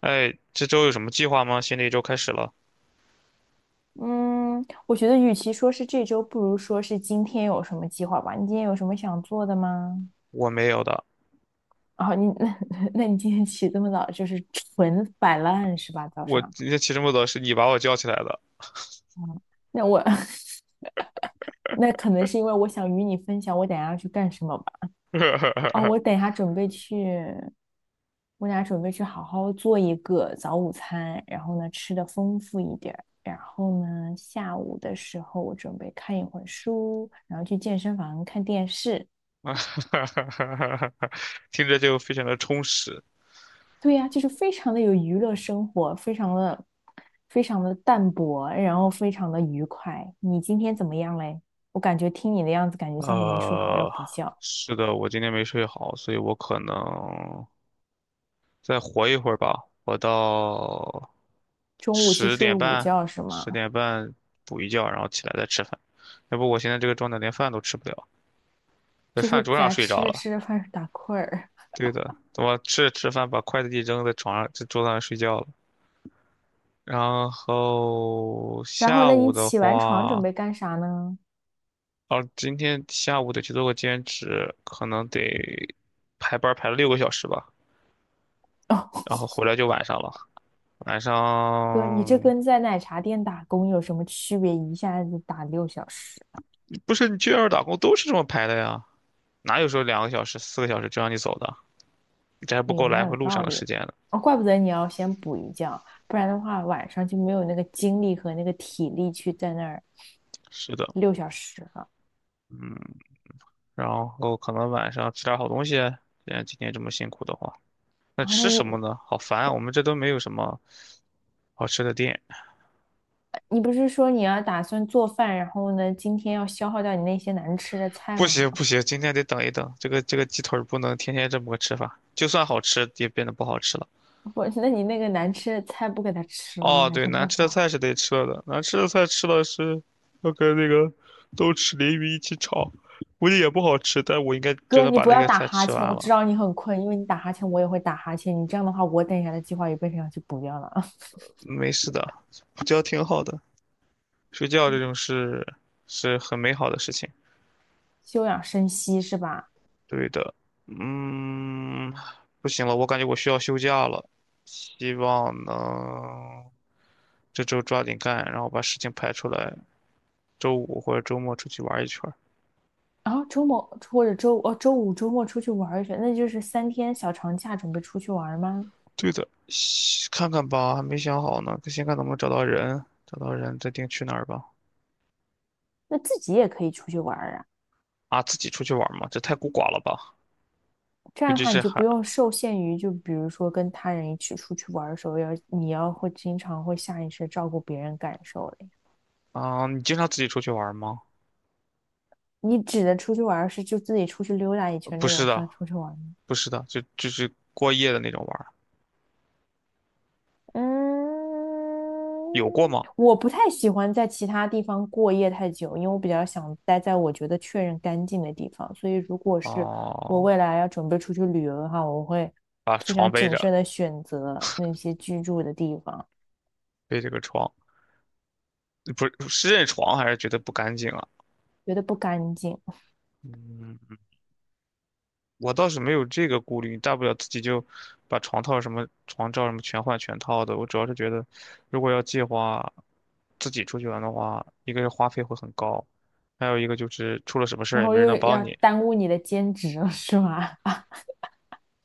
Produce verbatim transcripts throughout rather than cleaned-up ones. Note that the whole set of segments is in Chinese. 哎，这周有什么计划吗？新的一周开始了，嗯，我觉得与其说是这周，不如说是今天有什么计划吧。你今天有什么想做的吗？我没有的。哦，你 那那你今天起这么早，就是纯摆烂是吧？早我上，今天起这么早是你把我叫起来的，那我 那可能是因为我想与你分享我等一下要去干什么吧。哦，我 等一下准备去，我等一下准备去好好做一个早午餐，然后呢吃的丰富一点儿，然后呢下午的时候我准备看一会儿书，然后去健身房看电视，听着就非常的充实。对呀，就是非常的有娱乐生活，非常的非常的淡泊，然后非常的愉快。你今天怎么样嘞？我感觉听你的样子，感觉像是没睡好，要呃，补觉。是的，我今天没睡好，所以我可能再活一会儿吧，活到中午去十睡点午半，觉是十吗？点半补一觉，然后起来再吃饭。要不我现在这个状态连饭都吃不了，在就饭是桌上在睡着吃着了。吃着饭打困儿，对的，我吃着吃饭把筷子一扔在床上，在桌子上睡觉了。然后然后下呢，午你的起完床准话，备干啥呢？哦，今天下午得去做个兼职，可能得排班儿排了六个小时吧，哦，然后回来就晚上了。晚哥，你这上跟在奶茶店打工有什么区别？一下子打六小时。不是你去外边打工都是这么排的呀，哪有说两个小时、四个小时就让你走的？这还我不也够来蛮有回路上道的理时的。间呢。哦，怪不得你要先补一觉，不然的话晚上就没有那个精力和那个体力去在那儿是的，六小时了。嗯，然后可能晚上吃点好东西，既然今天这么辛苦的话。那然后那吃一，什么呢？好烦啊，我们这都没有什么好吃的店。你不是说你要打算做饭，然后呢，今天要消耗掉你那些难吃的菜不吗？行不行，今天得等一等，这个这个鸡腿儿不能天天这么个吃法，就算好吃也变得不好吃了。不，那你那个难吃的菜不给他吃了吗？哦，还对，剩难半吃的包？菜是得吃了的，难吃的菜吃了是要跟那个豆豉鲮鱼一起炒，估计也不好吃，但我应该就哥，能你把不那要个打菜哈吃欠，完我知了。道你很困，因为你打哈欠，我也会打哈欠。你这样的话，我等一下的计划也变成要去补掉了。没事的，补觉挺好的，睡觉这种事是很美好的事情。休养生息是吧？对的，嗯，不行了，我感觉我需要休假了，希望能这周抓紧干，然后把事情排出来，周五或者周末出去玩一圈儿。然后周末或者周哦周五周末出去玩儿一圈，那就是三天小长假，准备出去玩吗？对的，西看看吧，还没想好呢，先看能不能找到人，找到人再定去哪儿吧。那自己也可以出去玩儿啊，啊，自己出去玩儿吗？这太孤寡了吧？这尤样的其话你是就不还用受限于，就比如说跟他人一起出去玩的时候，要你要会经常会下意识照顾别人感受了呀。啊，你经常自己出去玩儿吗？你指的出去玩是就自己出去溜达一圈不这是种的，算出去玩吗？不是的，就就是过夜的那种玩儿有过嗯，吗？我不太喜欢在其他地方过夜太久，因为我比较想待在我觉得确认干净的地方。所以，如果是我哦，未来要准备出去旅游的话，我会把非床常背谨着，慎的选择那些居住的地方，背着个床。不是是认床还是觉得不干净啊？觉得不干净，嗯，我倒是没有这个顾虑，大不了自己就把床套什么、床罩什么全换全套的。我主要是觉得，如果要计划自己出去玩的话，一个是花费会很高，还有一个就是出了什么事儿然也后没人又能帮要你。耽误你的兼职了，是吧？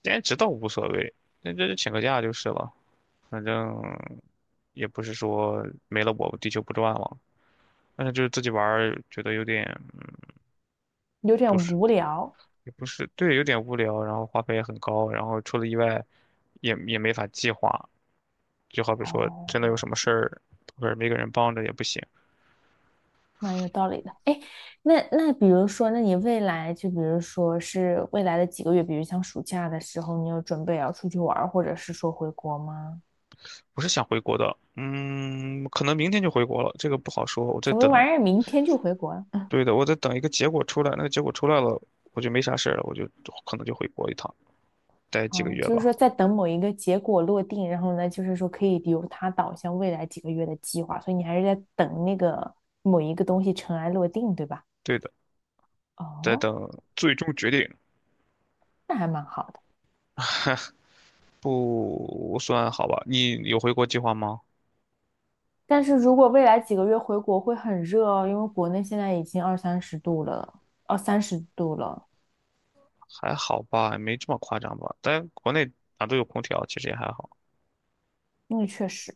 兼职倒无所谓，那这就请个假就是了，反正也不是说没了我地球不转了。但是就是自己玩儿觉得有点 有点不无聊。也不是，对，有点无聊，然后花费也很高，然后出了意外也也没法计划，就好比说真的有哦，什么事儿，或者没个人帮着也不行。蛮有道理的。哎，那那比如说，那你未来就比如说是未来的几个月，比如像暑假的时候，你有准备要出去玩儿，或者是说回国吗？我是想回国的，嗯，可能明天就回国了，这个不好说，我在什么等，玩意儿？明天就回国了？对的，我在等一个结果出来，那个结果出来了，我就没啥事儿了，我就可能就回国一趟，待几个哦，月就是吧，说在等某一个结果落定，然后呢，就是说可以由它导向未来几个月的计划，所以你还是在等那个某一个东西尘埃落定，对吧？对的，在哦，等最终决定，那还蛮好的。不算好吧？你有回国计划吗？但是如果未来几个月回国会很热哦，因为国内现在已经二三十度了，二三十度了。还好吧，没这么夸张吧？但国内哪都有空调，其实也还好。那确实，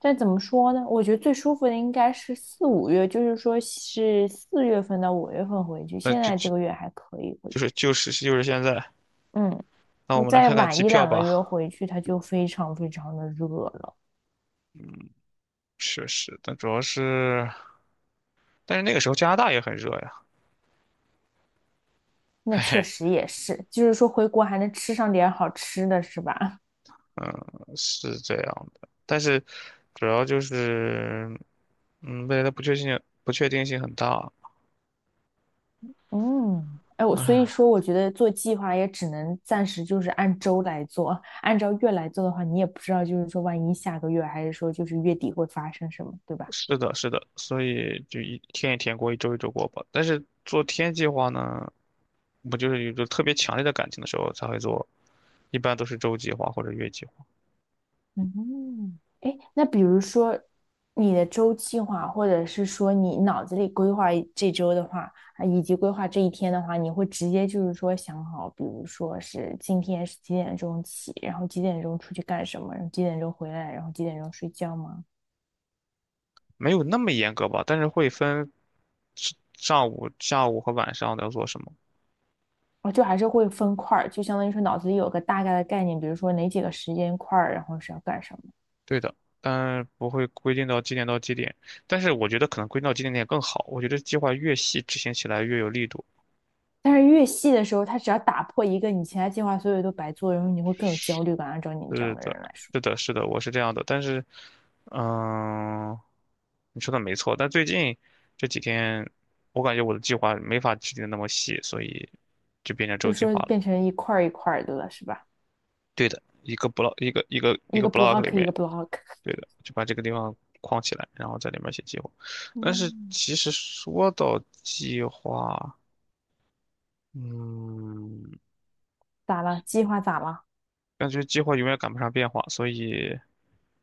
但怎么说呢？我觉得最舒服的应该是四五月，就是说是四月份到五月份回去。那现就在这就个月还可以回就是去，就是就是现在。嗯，那我你们来再看看晚机一票两个月吧。回去，它就非常非常的热了。确实，但主要是，但是那个时候加拿大也很热呀。那嘿确嘿，实也是，就是说回国还能吃上点好吃的，是吧？嗯，是这样的。但是主要就是，嗯，未来的不确定性不确定性很大。嗯，哎，我所以唉，说，我觉得做计划也只能暂时就是按周来做，按照月来做的话，你也不知道，就是说万一下个月还是说就是月底会发生什么，对吧？是的，是的，所以就一天一天过，一周一周过吧。但是做天计划呢，我就是有着特别强烈的感情的时候才会做，一般都是周计划或者月计划。嗯，哎，那比如说你的周计划，或者是说你脑子里规划一这周的话，啊以及规划这一天的话，你会直接就是说想好，比如说是今天是几点钟起，然后几点钟出去干什么，然后几点钟回来，然后几点钟睡觉吗？没有那么严格吧，但是会分是上午、下午和晚上要做什么。哦，就还是会分块儿，就相当于说脑子里有个大概的概念，比如说哪几个时间块儿，然后是要干什么。对的，但不会规定到几点到几点。但是我觉得可能归到几点点更好。我觉得计划越细，执行起来越有力度。但是越细的时候，他只要打破一个你其他计划，所有都白做，然后你会更有焦虑感。按照你这样是的的，人来说。是的，是的，我是这样的。但是，嗯，你说的没错。但最近这几天，我感觉我的计划没法制定的那么细，所以就变成周就计划说了。变成一块儿一块儿的了，是吧？对的，一个 block 一个一个一一个 个 block 里 block 一个 面 block，对的，就把这个地方框起来，然后在里面写计划。但是嗯，其实说到计划，嗯，咋了？计划咋了？感觉计划永远赶不上变化，所以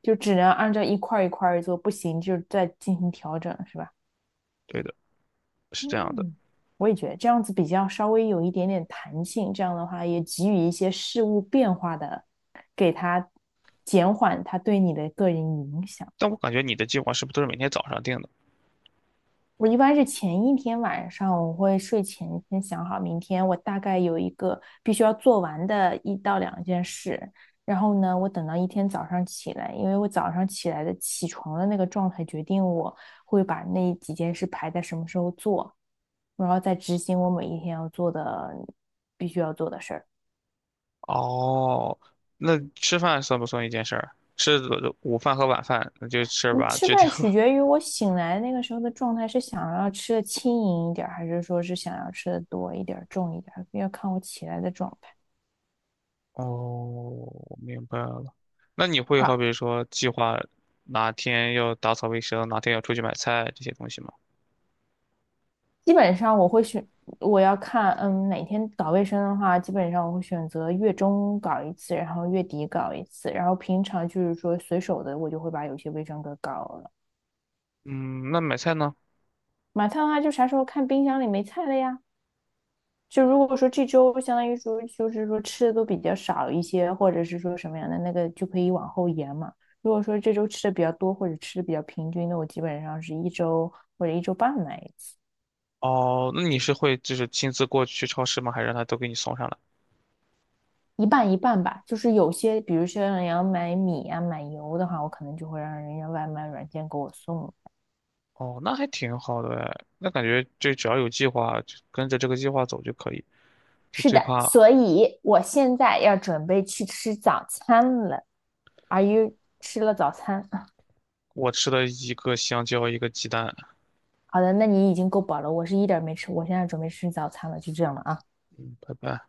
就只能按照一块一块做，不行就再进行调整，是吧？对的，是这样的。嗯，我也觉得这样子比较稍微有一点点弹性，这样的话也给予一些事物变化的，给它减缓它对你的个人影响。但我感觉你的计划是不是都是每天早上定的？我一般是前一天晚上，我会睡前先想好明天我大概有一个必须要做完的一到两件事，然后呢，我等到一天早上起来，因为我早上起来的起床的那个状态决定我会把那几件事排在什么时候做，然后再执行我每一天要做的必须要做的事儿。哦，那吃饭算不算一件事儿？吃的午饭和晚饭，那就吃嗯，吧，吃决定饭吧。取决于我醒来那个时候的状态，是想要吃的轻盈一点儿，还是说是想要吃的多一点儿、重一点儿，要看我起来的状态。哦，明白了。那你会好好。比说计划哪天要打扫卫生，哪天要出去买菜这些东西吗？基本上我会选，我要看，嗯，哪天搞卫生的话，基本上我会选择月中搞一次，然后月底搞一次，然后平常就是说随手的，我就会把有些卫生给搞了。嗯，那买菜呢？买菜的话，就啥时候看冰箱里没菜了呀？就如果说这周相当于说就是说吃的都比较少一些，或者是说什么样的那个就可以往后延嘛。如果说这周吃的比较多，或者吃的比较平均的，那我基本上是一周或者一周半买一次。哦，那你是会就是亲自过去超市吗？还是让他都给你送上来？一半一半吧，就是有些，比如说你要买米啊、买油的话，我可能就会让人家外卖软件给我送。哦，那还挺好的哎，那感觉就只要有计划，就跟着这个计划走就可以。就是最的，怕所以我现在要准备去吃早餐了。Are you 吃了早餐？我吃了一个香蕉，一个鸡蛋。好的，那你已经够饱了，我是一点没吃，我现在准备吃早餐了，就这样了啊。拜拜。